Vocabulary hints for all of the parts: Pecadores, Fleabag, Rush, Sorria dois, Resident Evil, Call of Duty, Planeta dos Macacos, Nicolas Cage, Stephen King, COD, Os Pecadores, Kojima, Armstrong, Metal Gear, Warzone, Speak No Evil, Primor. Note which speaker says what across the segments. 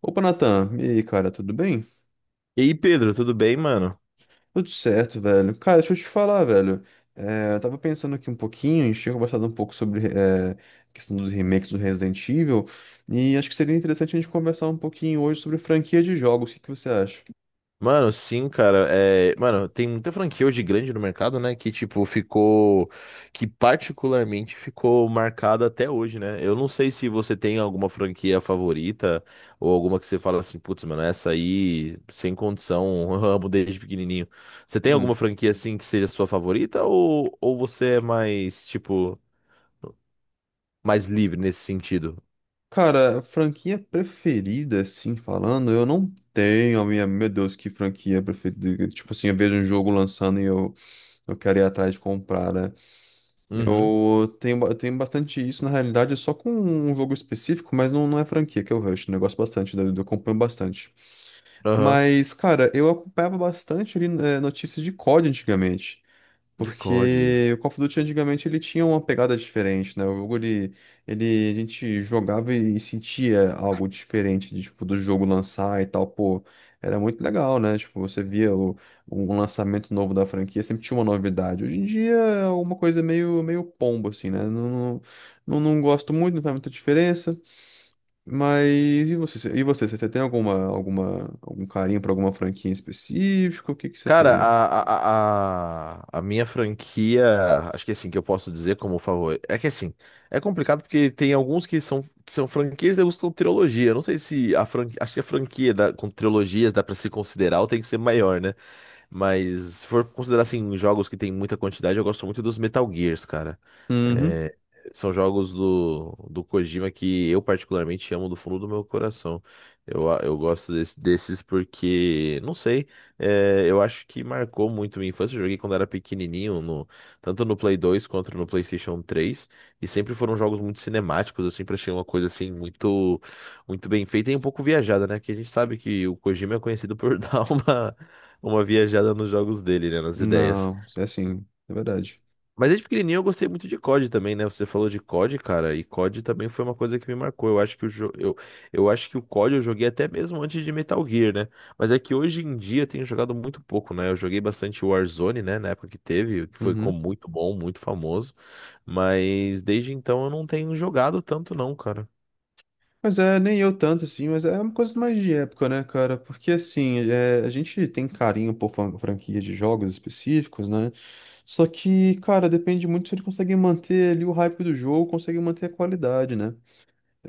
Speaker 1: Opa, Natan. E aí, cara, tudo bem?
Speaker 2: E aí, Pedro, tudo bem, mano?
Speaker 1: Tudo certo, velho. Cara, deixa eu te falar, velho. É, eu tava pensando aqui um pouquinho, a gente tinha conversado um pouco sobre a questão dos remakes do Resident Evil, e acho que seria interessante a gente conversar um pouquinho hoje sobre franquia de jogos. O que que você acha?
Speaker 2: Mano, sim, cara. Mano, tem muita franquia hoje grande no mercado, né? Que, tipo, ficou. Que particularmente ficou marcada até hoje, né? Eu não sei se você tem alguma franquia favorita ou alguma que você fala assim, putz, mano, essa aí, sem condição, eu amo desde pequenininho. Você tem alguma
Speaker 1: Hum.
Speaker 2: franquia, assim, que seja sua favorita ou você é mais, tipo, mais livre nesse sentido?
Speaker 1: Cara, franquia preferida, assim, falando, eu não tenho a minha. Meu Deus, que franquia preferida. Tipo assim, eu vejo um jogo lançando e eu quero ir atrás de comprar, né?
Speaker 2: Uhum,
Speaker 1: Eu tenho bastante isso, na realidade, é só com um jogo específico, mas não é franquia, que é o Rush, né? Eu gosto bastante, né? Eu acompanho bastante.
Speaker 2: aham.
Speaker 1: Mas, cara, eu acompanhava bastante ali, notícias de COD antigamente.
Speaker 2: De COD.
Speaker 1: Porque o Call of Duty antigamente ele tinha uma pegada diferente, né? O jogo ele a gente jogava e sentia algo diferente, de, tipo, do jogo lançar e tal, pô, era muito legal, né? Tipo, você via um lançamento novo da franquia, sempre tinha uma novidade. Hoje em dia é uma coisa meio pombo, assim, né? Não, não, não, não gosto muito, não faz muita diferença. Mas e você? E você? Você tem algum carinho pra alguma franquia em específico? O que que você
Speaker 2: Cara,
Speaker 1: tem?
Speaker 2: a minha franquia, acho que é assim, que eu posso dizer como favorito. É que assim, é complicado porque tem alguns que são franquias e alguns que são trilogia. Eu não sei se a franquia. Acho que a franquia da, com trilogias dá pra se considerar ou tem que ser maior, né? Mas se for considerar assim, jogos que tem muita quantidade, eu gosto muito dos Metal Gears, cara.
Speaker 1: Uhum.
Speaker 2: É, são jogos do Kojima que eu particularmente amo do fundo do meu coração. Eu gosto desses porque, não sei. Eu acho que marcou muito minha infância. Eu joguei quando era pequenininho, tanto no Play 2 quanto no PlayStation 3. E sempre foram jogos muito cinemáticos. Eu sempre achei uma coisa assim muito, muito bem feita e um pouco viajada, né? Que a gente sabe que o Kojima é conhecido por dar uma viajada nos jogos dele, né? Nas ideias.
Speaker 1: Não, é assim, é verdade.
Speaker 2: Mas desde pequenininho eu gostei muito de COD também, né? Você falou de COD, cara, e COD também foi uma coisa que me marcou. Eu acho que eu acho que o COD eu joguei até mesmo antes de Metal Gear, né? Mas é que hoje em dia eu tenho jogado muito pouco, né? Eu joguei bastante Warzone, né, na época que teve, que foi com
Speaker 1: Uhum.
Speaker 2: muito bom, muito famoso, mas desde então eu não tenho jogado tanto não, cara.
Speaker 1: Mas é, nem eu tanto assim, mas é uma coisa mais de época, né, cara? Porque assim, é, a gente tem carinho por franquia de jogos específicos, né? Só que, cara, depende muito se ele consegue manter ali o hype do jogo, consegue manter a qualidade, né?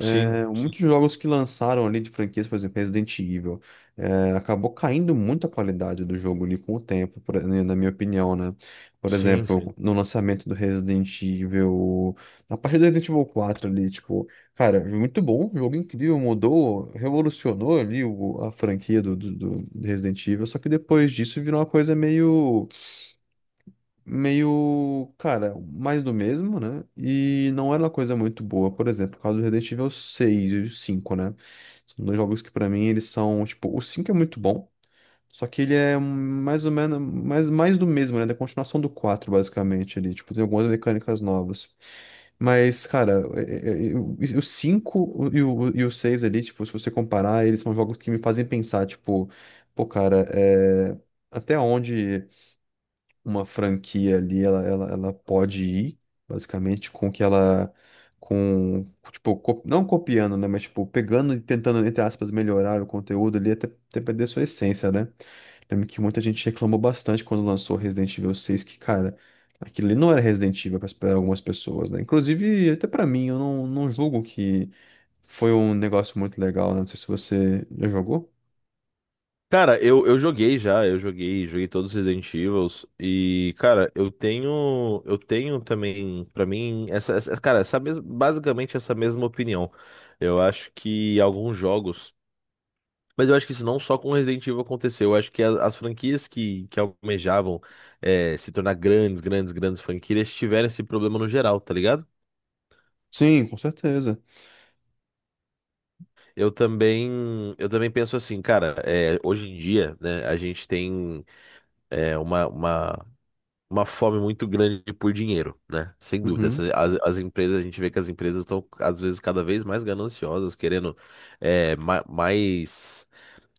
Speaker 2: Sim, sim,
Speaker 1: muitos jogos que lançaram ali de franquias, por exemplo, Resident Evil, acabou caindo muito a qualidade do jogo ali com o tempo, né, na minha opinião, né? Por
Speaker 2: sim,
Speaker 1: exemplo,
Speaker 2: sim.
Speaker 1: no lançamento do Resident Evil, na parte do Resident Evil 4 ali, tipo, cara, muito bom, um jogo incrível, mudou, revolucionou ali a franquia do Resident Evil, só que depois disso virou uma coisa meio, cara, mais do mesmo, né? E não era uma coisa muito boa, por exemplo, o caso do Resident Evil seis e o 5, né? São dois jogos que pra mim eles são, tipo, o 5 é muito bom, só que ele é mais ou menos mais do mesmo, né? Da continuação do 4 basicamente ali, tipo, tem algumas mecânicas novas. Mas, cara, o 5 e e o 6 ali, tipo, se você comparar, eles são jogos que me fazem pensar, tipo, pô, cara, até onde uma franquia ali, ela pode ir, basicamente, com que ela. Com, tipo, não copiando, né? Mas, tipo, pegando e tentando, entre aspas, melhorar o conteúdo ali até perder sua essência, né? Lembro que muita gente reclamou bastante quando lançou Resident Evil 6, que, cara, aquilo ali não era Resident Evil para algumas pessoas, né? Inclusive, até pra mim, eu não julgo que foi um negócio muito legal, né? Não sei se você já jogou.
Speaker 2: Cara, eu joguei já, eu joguei, joguei todos os Resident Evils e, cara, eu tenho também, pra mim, basicamente essa mesma opinião. Eu acho que alguns jogos, mas eu acho que isso não só com Resident Evil aconteceu, eu acho que as franquias que almejavam se tornar grandes, grandes franquias tiveram esse problema no geral, tá ligado?
Speaker 1: Sim, com certeza.
Speaker 2: Eu também, eu também penso assim, cara, hoje em dia, né, a gente tem é, uma, uma uma fome muito grande por dinheiro, né? Sem dúvida. As, as empresas, a gente vê que as empresas estão, às vezes, cada vez mais gananciosas, querendo mais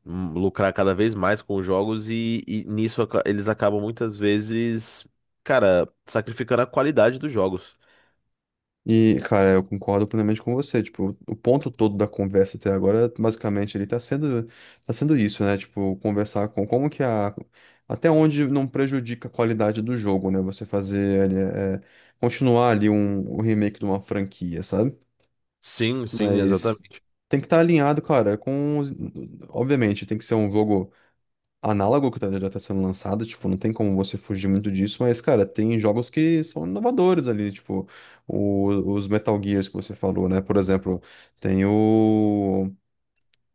Speaker 2: lucrar cada vez mais com os jogos e nisso eles acabam muitas vezes, cara, sacrificando a qualidade dos jogos.
Speaker 1: E, cara, eu concordo plenamente com você. Tipo, o ponto todo da conversa até agora, basicamente, ele tá sendo isso, né? Tipo, conversar com como que a. Até onde não prejudica a qualidade do jogo, né? Você fazer ali, é, continuar ali o remake de uma franquia, sabe?
Speaker 2: Sim, sim,
Speaker 1: Mas
Speaker 2: exatamente.
Speaker 1: tem que estar alinhado, cara, com. Obviamente, tem que ser um jogo análogo que já tá sendo lançado, tipo, não tem como você fugir muito disso, mas, cara, tem jogos que são inovadores ali, tipo, os Metal Gears que você falou, né? Por exemplo, tem o.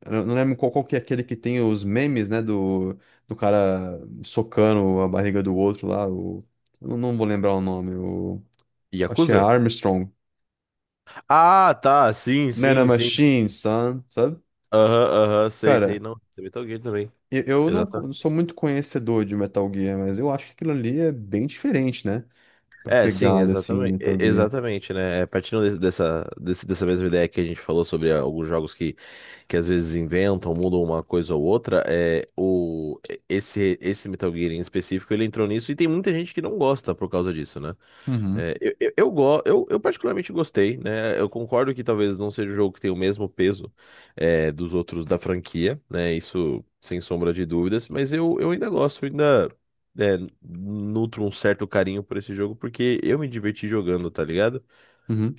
Speaker 1: Eu não lembro qual que é aquele que tem os memes, né? Do cara socando a barriga do outro lá, o. Eu não vou lembrar o nome, o. Acho que é
Speaker 2: Yakuza?
Speaker 1: Armstrong.
Speaker 2: Ah, tá, sim,
Speaker 1: Nana
Speaker 2: sim, sim.
Speaker 1: Machine, son, sabe?
Speaker 2: Aham, aham, sei, sei,
Speaker 1: Cara.
Speaker 2: não. Tem Metal Gear também.
Speaker 1: Eu não sou muito conhecedor de Metal Gear, mas eu acho que aquilo ali é bem diferente, né? Pra
Speaker 2: É, sim,
Speaker 1: pegada, assim,
Speaker 2: exatamente,
Speaker 1: Metal Gear.
Speaker 2: exatamente, né? É, partindo dessa mesma ideia que a gente falou sobre alguns jogos que às vezes inventam, mudam uma coisa ou outra, esse Metal Gear em específico, ele entrou nisso e tem muita gente que não gosta por causa disso, né?
Speaker 1: Uhum,
Speaker 2: Eu particularmente gostei, né? Eu concordo que talvez não seja um jogo que tem o mesmo peso dos outros da franquia, né? Isso sem sombra de dúvidas, mas eu ainda gosto, eu ainda é, nutro um certo carinho por esse jogo porque eu me diverti jogando, tá ligado?
Speaker 1: uhum,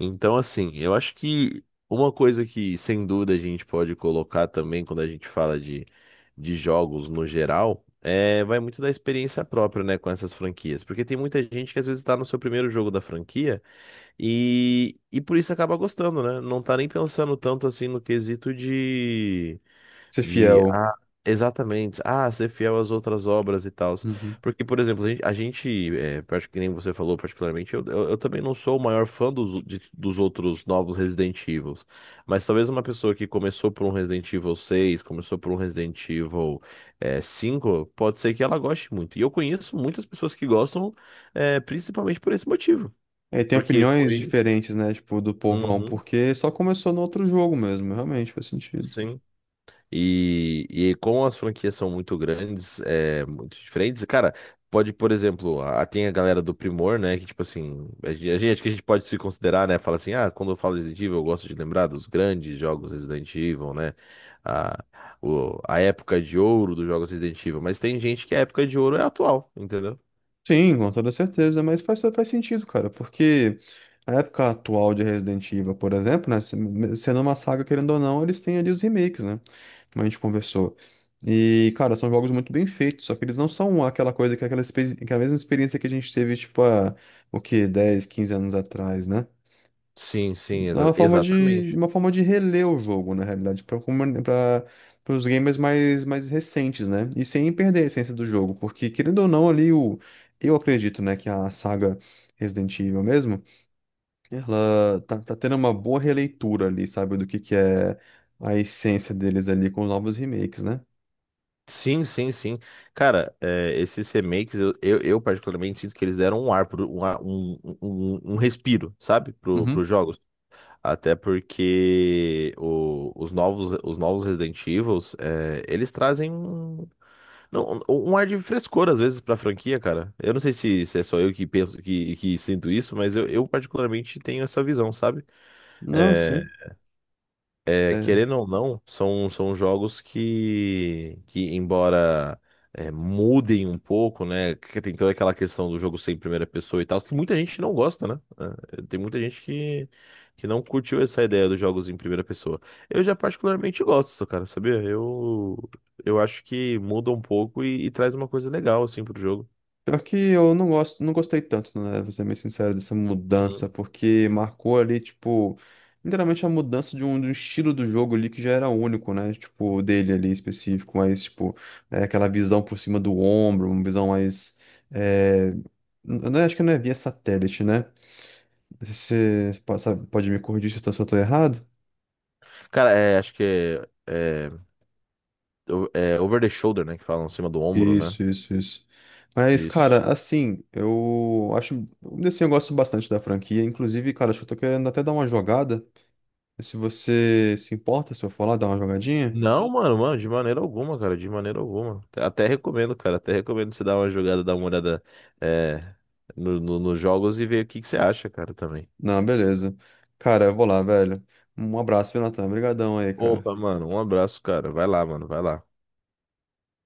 Speaker 2: Então, assim, eu acho que uma coisa que sem dúvida a gente pode colocar também quando a gente fala de jogos no geral. É, vai muito da experiência própria, né, com essas franquias. Porque tem muita gente que às vezes tá no seu primeiro jogo da franquia e por isso acaba gostando, né? Não tá nem pensando tanto assim no quesito
Speaker 1: ser
Speaker 2: de,
Speaker 1: fiel.
Speaker 2: ah, exatamente, ser fiel às outras obras e tal.
Speaker 1: Uhum.
Speaker 2: Porque, por exemplo, a gente, acho que nem você falou particularmente, eu também não sou o maior fã dos outros novos Resident Evils. Mas talvez uma pessoa que começou por um Resident Evil 6, começou por um Resident Evil 5, pode ser que ela goste muito. E eu conheço muitas pessoas que gostam, principalmente por esse motivo.
Speaker 1: É, e tem
Speaker 2: Porque
Speaker 1: opiniões
Speaker 2: foi.
Speaker 1: diferentes, né? Tipo, do povão,
Speaker 2: Uhum,
Speaker 1: porque só começou no outro jogo mesmo, realmente faz sentido.
Speaker 2: sim. E como as franquias são muito grandes, muito diferentes, cara, pode, por exemplo, a, tem a galera do Primor, né, que tipo assim, a gente, acho que a gente pode se considerar, né, fala assim, ah, quando eu falo Resident Evil, eu gosto de lembrar dos grandes jogos Resident Evil, né, a, a época de ouro dos jogos Resident Evil, mas tem gente que a época de ouro é atual, entendeu?
Speaker 1: Sim, com toda certeza, mas faz sentido, cara, porque a época atual de Resident Evil, por exemplo, né? Sendo uma saga, querendo ou não, eles têm ali os remakes, né? Como a gente conversou. E, cara, são jogos muito bem feitos, só que eles não são aquela coisa, que é aquela mesma experiência que a gente teve, tipo, há, o quê? 10, 15 anos atrás, né?
Speaker 2: Sim, sim,
Speaker 1: É
Speaker 2: exa-
Speaker 1: uma forma de,
Speaker 2: exatamente.
Speaker 1: uma forma de reler o jogo, na realidade, para os gamers mais recentes, né? E sem perder a essência do jogo, porque, querendo ou não, ali, eu acredito, né, que a saga Resident Evil mesmo, ela tá tendo uma boa releitura ali, sabe, do que é a essência deles ali com os novos remakes, né?
Speaker 2: Sim, sim, sim. Cara, é, esses remakes, eu particularmente sinto que eles deram um ar, pro, um, ar- um, um, um um respiro, sabe,
Speaker 1: Uhum.
Speaker 2: pros jogos. Até porque os novos Resident Evils, eles trazem um, não, um um ar de frescor, às vezes, pra franquia, cara. Eu não sei se, se é só eu que penso, que sinto isso, mas eu particularmente tenho essa visão, sabe?
Speaker 1: Não,
Speaker 2: Eh,
Speaker 1: sim. É,
Speaker 2: querendo ou não, são, são jogos que embora mudem um pouco, né? Que tem toda aquela questão do jogo ser em primeira pessoa e tal, que muita gente não gosta, né? É, tem muita gente que não curtiu essa ideia dos jogos em primeira pessoa. Eu já particularmente gosto, cara, sabia? Eu acho que muda um pouco e traz uma coisa legal, assim, pro jogo.
Speaker 1: pior que eu não gosto, não gostei tanto, né? Vou ser bem sincero, dessa mudança,
Speaker 2: Uhum.
Speaker 1: porque marcou ali, tipo, literalmente a mudança de um estilo do jogo ali que já era único, né? Tipo, dele ali específico, mas, tipo, aquela visão por cima do ombro, uma visão mais. É, né, acho que não é via satélite, né? Você pode me corrigir se eu tô errado?
Speaker 2: Cara, é, acho que é, é, o- é over the shoulder, né? Que falam, em cima do ombro, né?
Speaker 1: Isso, isso, isso. Mas,
Speaker 2: Isso.
Speaker 1: cara, assim, eu acho. Assim, eu gosto bastante da franquia. Inclusive, cara, acho que eu tô querendo até dar uma jogada. Se você se importa, se eu for lá dar uma jogadinha?
Speaker 2: Não, mano, mano, de maneira alguma, cara, de maneira alguma. Até recomendo, cara, até recomendo você dar uma jogada, dar uma olhada é, nos jogos e ver o que que você acha, cara, também.
Speaker 1: Não, beleza. Cara, eu vou lá, velho. Um abraço, viu, Natan? Obrigadão aí, cara.
Speaker 2: Opa, mano, um abraço, cara. Vai lá, mano, vai lá.